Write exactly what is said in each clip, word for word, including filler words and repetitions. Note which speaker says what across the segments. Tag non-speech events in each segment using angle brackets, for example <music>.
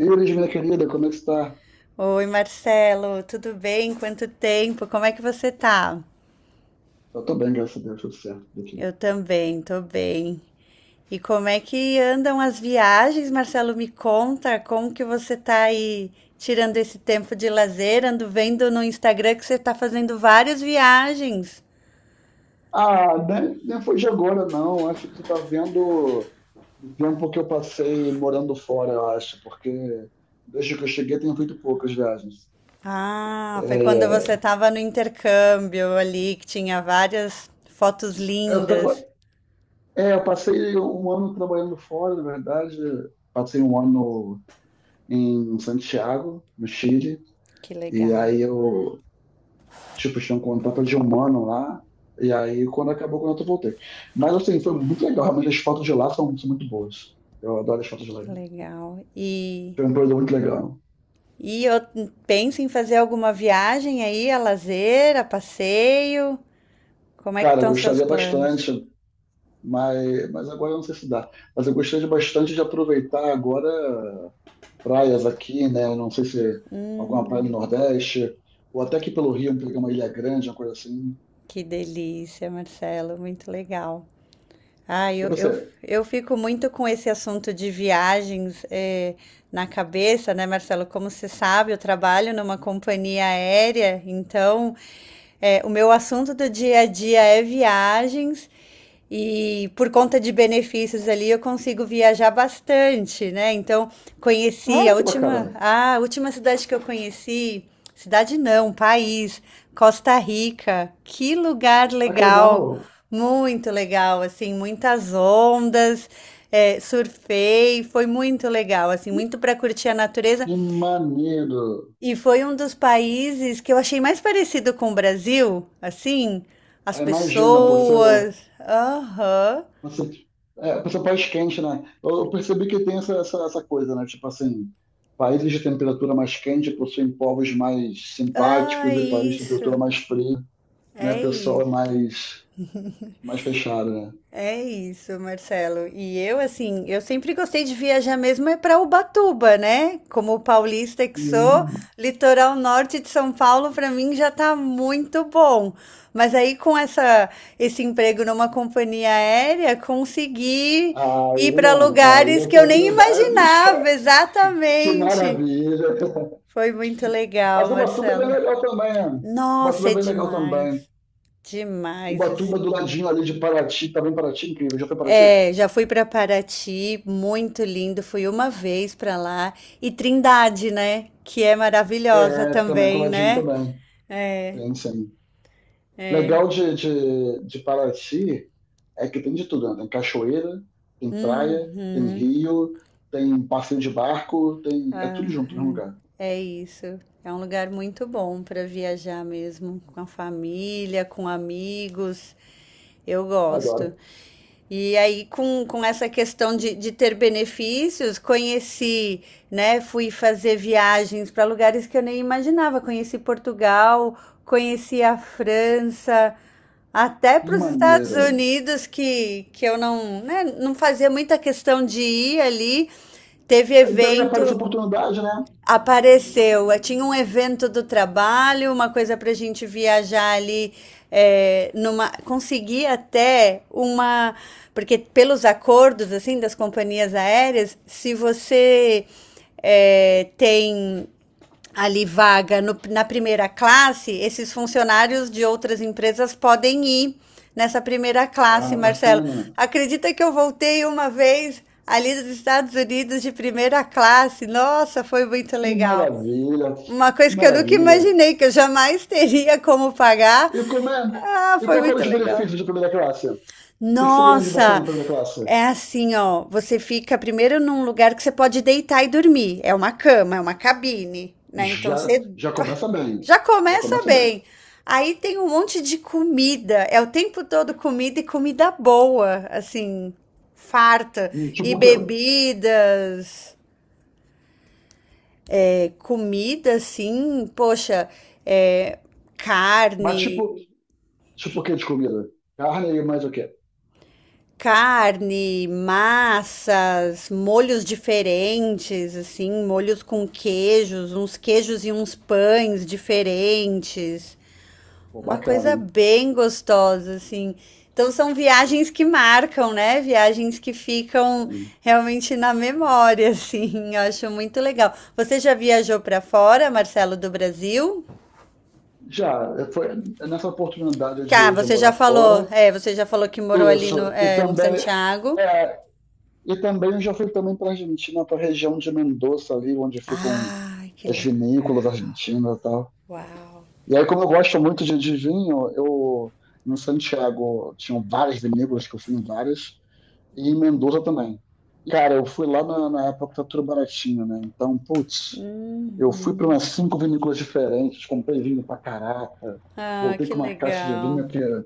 Speaker 1: E Elis, minha querida, como é que está?
Speaker 2: Oi, Marcelo, tudo bem? Quanto tempo? Como é que você tá?
Speaker 1: Eu tô bem, graças a Deus, tudo certo por aqui.
Speaker 2: Eu também, tô bem. E como é que andam as viagens, Marcelo? Me conta, como que você tá aí tirando esse tempo de lazer? Ando vendo no Instagram que você tá fazendo várias viagens.
Speaker 1: Ah, nem, nem foi de agora, não. Acho que você está vendo o tempo que eu passei morando fora, eu acho, porque desde que eu cheguei tenho feito poucas viagens.
Speaker 2: Ah, foi quando você
Speaker 1: É,
Speaker 2: tava no intercâmbio ali, que tinha várias fotos
Speaker 1: Eu, tava,
Speaker 2: lindas.
Speaker 1: é, eu passei um ano trabalhando fora, na verdade. Passei um ano em Santiago, no Chile,
Speaker 2: Que
Speaker 1: e
Speaker 2: legal,
Speaker 1: aí eu Tipo, tinha um contrato de um ano lá. E aí, quando acabou o contrato, eu voltei. Mas, assim, foi muito legal. Realmente, as fotos de lá são, são muito boas. Eu adoro as fotos de lá.
Speaker 2: que legal. E
Speaker 1: Foi um período muito legal.
Speaker 2: E eu pensa em fazer alguma viagem aí, a lazer, a passeio? Como é que
Speaker 1: Cara, eu
Speaker 2: estão seus
Speaker 1: gostaria
Speaker 2: planos?
Speaker 1: bastante, mas, mas agora eu não sei se dá. Mas eu gostaria bastante de aproveitar agora praias aqui, né? Eu não sei se
Speaker 2: Hum,
Speaker 1: alguma praia no Nordeste, ou até aqui pelo Rio, pegar uma ilha grande, uma coisa assim.
Speaker 2: que delícia, Marcelo, muito legal. Ah,
Speaker 1: E
Speaker 2: eu, eu,
Speaker 1: você?
Speaker 2: eu fico muito com esse assunto de viagens eh, na cabeça, né, Marcelo? Como você sabe, eu trabalho numa companhia aérea, então é, o meu assunto do dia a dia é viagens e por conta de benefícios ali eu consigo viajar bastante, né? Então
Speaker 1: Ah,
Speaker 2: conheci a
Speaker 1: que
Speaker 2: última,
Speaker 1: bacana.
Speaker 2: ah, a última cidade que eu conheci, cidade não, país, Costa Rica. Que lugar
Speaker 1: Ah, que
Speaker 2: legal,
Speaker 1: legal.
Speaker 2: muito legal, assim, muitas ondas. É, surfei, foi muito legal, assim, muito para curtir a natureza,
Speaker 1: Que maneiro.
Speaker 2: e foi um dos países que eu achei mais parecido com o Brasil, assim, as
Speaker 1: Ah, imagina, por ser
Speaker 2: pessoas. Aham.
Speaker 1: Você, é, você país quente, né? Eu, eu percebi que tem essa, essa, essa coisa, né? Tipo assim, países de temperatura mais quente possuem povos mais
Speaker 2: Ah,
Speaker 1: simpáticos e países de temperatura
Speaker 2: isso.
Speaker 1: mais fria, né?
Speaker 2: É
Speaker 1: O pessoal é
Speaker 2: isso.
Speaker 1: mais, mais fechado, né?
Speaker 2: É isso, Marcelo. E eu, assim, eu sempre gostei de viajar mesmo é para Ubatuba, né? Como paulista que sou,
Speaker 1: Hum.
Speaker 2: litoral norte de São Paulo para mim já tá muito bom. Mas aí com essa esse emprego numa companhia aérea, consegui ir
Speaker 1: Aí,
Speaker 2: para
Speaker 1: não, aí
Speaker 2: lugares que eu nem
Speaker 1: oportunidades.
Speaker 2: imaginava,
Speaker 1: <laughs> Que
Speaker 2: exatamente.
Speaker 1: maravilha.
Speaker 2: Foi muito legal,
Speaker 1: Mas o Batuba é bem
Speaker 2: Marcelo.
Speaker 1: legal também, né? O Batuba
Speaker 2: Nossa,
Speaker 1: é
Speaker 2: é
Speaker 1: bem legal também.
Speaker 2: demais.
Speaker 1: O
Speaker 2: Demais,
Speaker 1: Batuba do
Speaker 2: assim.
Speaker 1: ladinho ali de Paraty, também Paraty, incrível. Já foi Paraty?
Speaker 2: É, já fui para Paraty, muito lindo. Fui uma vez para lá. E Trindade, né? Que é maravilhosa
Speaker 1: É, também é
Speaker 2: também,
Speaker 1: coladinho
Speaker 2: né?
Speaker 1: também. Tem, sim.
Speaker 2: É.
Speaker 1: Legal de, de, de Paraty é que tem de tudo, né? Tem cachoeira, tem praia, tem
Speaker 2: Uhum.
Speaker 1: rio, tem um passeio de barco, tem... é tudo junto no mesmo
Speaker 2: Aham.
Speaker 1: lugar.
Speaker 2: É isso. É um lugar muito bom para viajar mesmo, com a família, com amigos. Eu gosto.
Speaker 1: Adoro.
Speaker 2: E aí, com, com essa questão de, de ter benefícios, conheci, né? Fui fazer viagens para lugares que eu nem imaginava. Conheci Portugal, conheci a França, até
Speaker 1: Que
Speaker 2: para os Estados
Speaker 1: maneiro.
Speaker 2: Unidos, que, que eu não, né, não fazia muita questão de ir ali. Teve
Speaker 1: Aí daí
Speaker 2: evento.
Speaker 1: aparece a oportunidade, né?
Speaker 2: Apareceu. Eh, tinha um evento do trabalho, uma coisa para a gente viajar ali. É, numa, consegui até uma. Porque pelos acordos assim das companhias aéreas, se você é, tem ali vaga no- na primeira classe, esses funcionários de outras empresas podem ir nessa primeira classe,
Speaker 1: Ah,
Speaker 2: Marcelo.
Speaker 1: bacana.
Speaker 2: Acredita que eu voltei uma vez ali dos Estados Unidos de primeira classe? Nossa, foi muito
Speaker 1: Que
Speaker 2: legal.
Speaker 1: maravilha.
Speaker 2: Uma
Speaker 1: Que
Speaker 2: coisa que eu nunca
Speaker 1: maravilha.
Speaker 2: imaginei, que eu jamais teria como pagar.
Speaker 1: E como é?
Speaker 2: Ah,
Speaker 1: E
Speaker 2: foi
Speaker 1: qual foram
Speaker 2: muito
Speaker 1: os
Speaker 2: legal.
Speaker 1: benefícios de primeira classe? O que que você ganhou de bacana
Speaker 2: Nossa,
Speaker 1: na primeira classe?
Speaker 2: é assim, ó. Você fica primeiro num lugar que você pode deitar e dormir. É uma cama, é uma cabine, né? Então
Speaker 1: Já,
Speaker 2: você
Speaker 1: já começa bem.
Speaker 2: já
Speaker 1: Já
Speaker 2: começa
Speaker 1: começa bem.
Speaker 2: bem. Aí tem um monte de comida. É o tempo todo comida e comida boa, assim, farta.
Speaker 1: Hum,
Speaker 2: E
Speaker 1: Tipo o quê?
Speaker 2: bebidas, é, comida, assim, poxa, é,
Speaker 1: Mas
Speaker 2: carne,
Speaker 1: tipo, tipo o quê de comida? Carne e mais o quê?
Speaker 2: carne, massas, molhos diferentes, assim, molhos com queijos, uns queijos e uns pães diferentes.
Speaker 1: Pô,
Speaker 2: Uma
Speaker 1: bacana,
Speaker 2: coisa
Speaker 1: hein?
Speaker 2: bem gostosa, assim. Então são viagens que marcam, né? Viagens que ficam
Speaker 1: Hum.
Speaker 2: realmente na memória, assim. <laughs> Eu acho muito legal. Você já viajou para fora, Marcelo, do Brasil?
Speaker 1: Já, eh, foi nessa oportunidade
Speaker 2: Cá,
Speaker 1: de, de
Speaker 2: você já
Speaker 1: morar
Speaker 2: falou,
Speaker 1: fora,
Speaker 2: é, você já falou que morou ali no,
Speaker 1: isso, e
Speaker 2: é, em
Speaker 1: também,
Speaker 2: Santiago.
Speaker 1: é, e também eu já fui também para Argentina, para a região de Mendoza, ali onde ficam
Speaker 2: Ah, que
Speaker 1: as
Speaker 2: legal.
Speaker 1: vinícolas argentinas e tal.
Speaker 2: Uau.
Speaker 1: E aí, como eu gosto muito de, de vinho, eu, em Santiago, tinham várias vinícolas, que eu fui em várias, e Mendoza também. Cara, eu fui lá na, na época que tá tudo baratinho, né? Então, putz, eu fui para
Speaker 2: Uhum.
Speaker 1: umas cinco vinícolas diferentes, comprei vinho pra caraca,
Speaker 2: Ah,
Speaker 1: voltei
Speaker 2: que
Speaker 1: com uma caixa de vinho
Speaker 2: legal.
Speaker 1: que, sei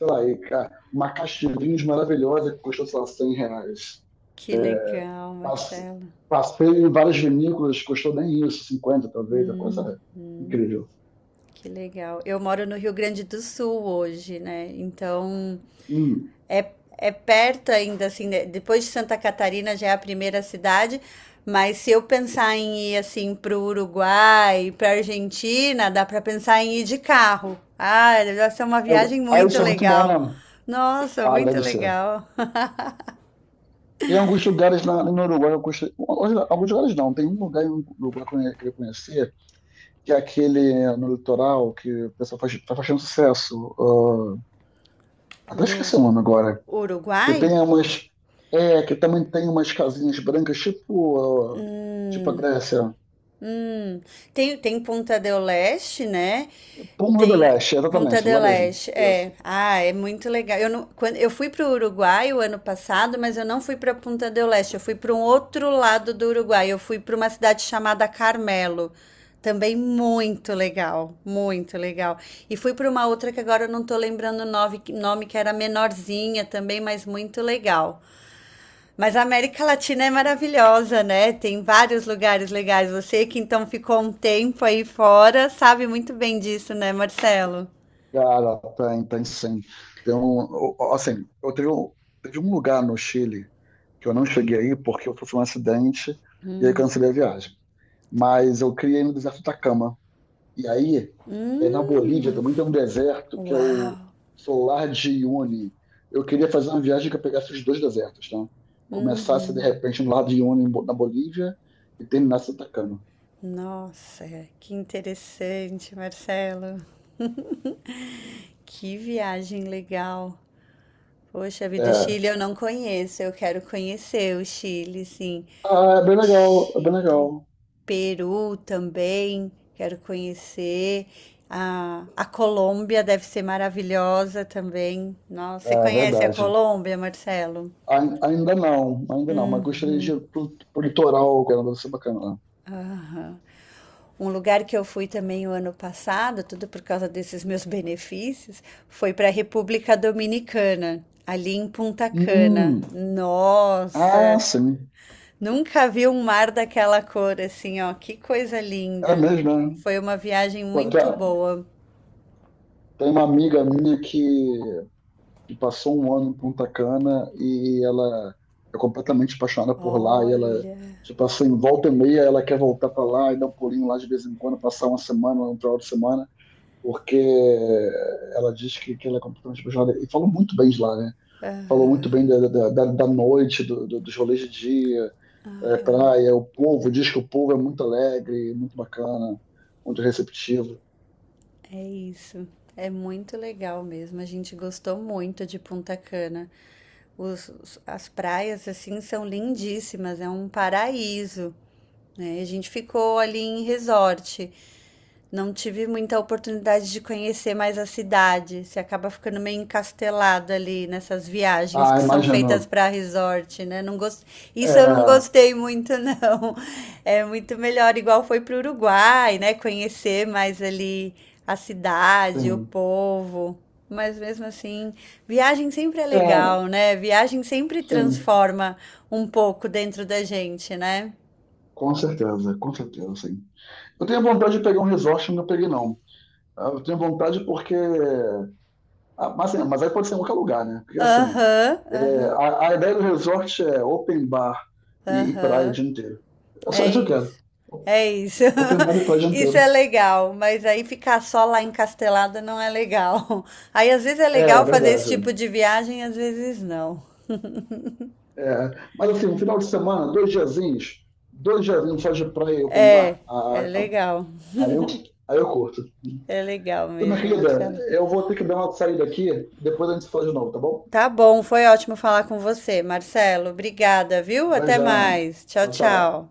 Speaker 1: lá, e, ca- uma caixa de vinhos maravilhosa que custou, sei lá, cem reais.
Speaker 2: Que legal,
Speaker 1: Passe-
Speaker 2: Marcelo.
Speaker 1: Passei em várias vinícolas, custou nem isso, cinquenta talvez, a coisa é incrível.
Speaker 2: Que legal. Eu moro no Rio Grande do Sul hoje, né? Então,
Speaker 1: Hum.
Speaker 2: é, é perto ainda, assim, de- depois de Santa Catarina já é a primeira cidade, mas se eu pensar em ir, assim, pro Uruguai, pra Argentina, dá pra pensar em ir de carro. Ah, deve ser uma
Speaker 1: É,
Speaker 2: viagem
Speaker 1: ah,
Speaker 2: muito
Speaker 1: isso é muito bom, né?
Speaker 2: legal. Nossa,
Speaker 1: Ah,
Speaker 2: muito
Speaker 1: deve ser.
Speaker 2: legal. <laughs>
Speaker 1: Tem alguns lugares na, no Uruguai, eu gostei, alguns alguns lugares não, tem um lugar no Uruguai que eu queria conhecer, que é aquele no litoral que o pessoal faz, tá fazendo sucesso. Ah, até
Speaker 2: No
Speaker 1: esqueci o nome agora. Que
Speaker 2: Uruguai?
Speaker 1: tem umas. É, que também tem umas casinhas brancas, tipo, ah, tipo a Grécia.
Speaker 2: Hum, tem, tem Ponta del Este, né?
Speaker 1: Pômulo do
Speaker 2: Tem
Speaker 1: Leste,
Speaker 2: Ponta
Speaker 1: exatamente, lá
Speaker 2: del
Speaker 1: mesmo.
Speaker 2: Este, é.
Speaker 1: Isso.
Speaker 2: Ah, é muito legal. Eu, não, quando, eu fui para o Uruguai o ano passado, mas eu não fui para Ponta del Este, eu fui para um outro lado do Uruguai. Eu fui para uma cidade chamada Carmelo. Também muito legal, muito legal. E fui para uma outra que agora eu não tô lembrando o nove- nome, que era menorzinha também, mas muito legal. Mas a América Latina é maravilhosa, né? Tem vários lugares legais. Você que então ficou um tempo aí fora, sabe muito bem disso, né, Marcelo?
Speaker 1: Cara, tem, tem sim. Tem um, o- assim, eu teve um, teve um lugar no Chile que eu não cheguei aí porque eu sofri um acidente e aí cancelei a viagem. Mas eu criei no deserto da Cama. E aí, é, na Bolívia
Speaker 2: Hum,
Speaker 1: também tem um deserto que é
Speaker 2: uau.
Speaker 1: o Solar de Uyuni. Eu queria fazer uma viagem que eu pegasse os dois desertos, tá? Começasse de
Speaker 2: Uhum.
Speaker 1: repente no lado de Uyuni em Bo- na Bolívia e terminasse em Atacama.
Speaker 2: Nossa, que interessante, Marcelo. <laughs> Que viagem legal. Poxa vida, o Chile
Speaker 1: É.
Speaker 2: eu não conheço. Eu quero conhecer o Chile, sim.
Speaker 1: Ah, é bem legal, é bem
Speaker 2: Chile.
Speaker 1: legal.
Speaker 2: Peru também, quero conhecer. A, a Colômbia deve ser maravilhosa também. Nossa, você
Speaker 1: É
Speaker 2: conhece a
Speaker 1: verdade.
Speaker 2: Colômbia, Marcelo?
Speaker 1: Ai- Ainda não, ainda não, mas gostaria de ir pro, pro litoral, que era deve ser bacana lá.
Speaker 2: Aham. Um lugar que eu fui também o ano passado, tudo por causa desses meus benefícios, foi para a República Dominicana, ali em Punta Cana.
Speaker 1: Hum, ah,
Speaker 2: Nossa,
Speaker 1: sim,
Speaker 2: nunca vi um mar daquela cor assim, ó, que coisa
Speaker 1: é
Speaker 2: linda.
Speaker 1: mesmo, né?
Speaker 2: Foi uma viagem
Speaker 1: Pô, tem
Speaker 2: muito boa.
Speaker 1: tem uma amiga minha que e passou um ano em Punta Cana, e ela é completamente apaixonada por lá, e ela,
Speaker 2: Olha.
Speaker 1: tipo, assim, volta e meia ela quer voltar para lá e dar um pulinho lá de vez em quando, passar uma semana, um final de semana, porque ela diz que, que ela é completamente apaixonada, e falou muito bem de lá, né? Falou muito bem da, da, da, da noite, do, do, dos rolês de dia, é, praia. O povo diz que o povo é muito alegre, muito bacana, muito receptivo.
Speaker 2: É isso. É muito legal mesmo. A gente gostou muito de Punta Cana. Os, os- as praias, assim, são lindíssimas. É um paraíso, né? A gente ficou ali em resort. Não tive muita oportunidade de conhecer mais a cidade. Você acaba ficando meio encastelado ali nessas viagens
Speaker 1: Ah,
Speaker 2: que são feitas
Speaker 1: imagino.
Speaker 2: para resort, né? Não gost... Isso eu não
Speaker 1: É,
Speaker 2: gostei muito, não. <laughs> É muito melhor, igual foi para o Uruguai, né? Conhecer mais ali a cidade, o
Speaker 1: sim.
Speaker 2: povo. Mas mesmo assim, viagem sempre é legal,
Speaker 1: É,
Speaker 2: né? Viagem sempre
Speaker 1: sim.
Speaker 2: transforma um pouco dentro da gente, né?
Speaker 1: Com certeza, com certeza, sim. Eu tenho vontade de pegar um resort, não peguei, não. Ah, eu tenho vontade porque. Ah, mas, assim, mas aí pode ser em qualquer lugar, né? Porque assim,
Speaker 2: Aham,
Speaker 1: é,
Speaker 2: aham,
Speaker 1: a, a ideia do resort é open bar e, e praia o
Speaker 2: aham.
Speaker 1: dia inteiro. É só
Speaker 2: É
Speaker 1: isso que eu quero.
Speaker 2: isso. É isso.
Speaker 1: Open bar e praia o
Speaker 2: <laughs>
Speaker 1: dia
Speaker 2: Isso
Speaker 1: inteiro.
Speaker 2: é legal, mas aí ficar só lá encastelada não é legal. <laughs> Aí às vezes é
Speaker 1: É, é
Speaker 2: legal fazer esse
Speaker 1: verdade.
Speaker 2: tipo de viagem, às vezes não.
Speaker 1: É. Mas assim, um final de semana, dois diazinhos, dois diazinhos só de praia e open
Speaker 2: É,
Speaker 1: bar, ah,
Speaker 2: é
Speaker 1: então,
Speaker 2: legal.
Speaker 1: aí eu, aí eu curto.
Speaker 2: É legal
Speaker 1: Então, minha
Speaker 2: mesmo,
Speaker 1: querida,
Speaker 2: Marcelo.
Speaker 1: eu vou ter que dar uma saída aqui, depois a gente se fala de novo, tá bom?
Speaker 2: Tá bom, foi ótimo falar com você, Marcelo. Obrigada, viu? Até
Speaker 1: Beijão.
Speaker 2: mais. Tchau,
Speaker 1: Tchau, tchau.
Speaker 2: tchau.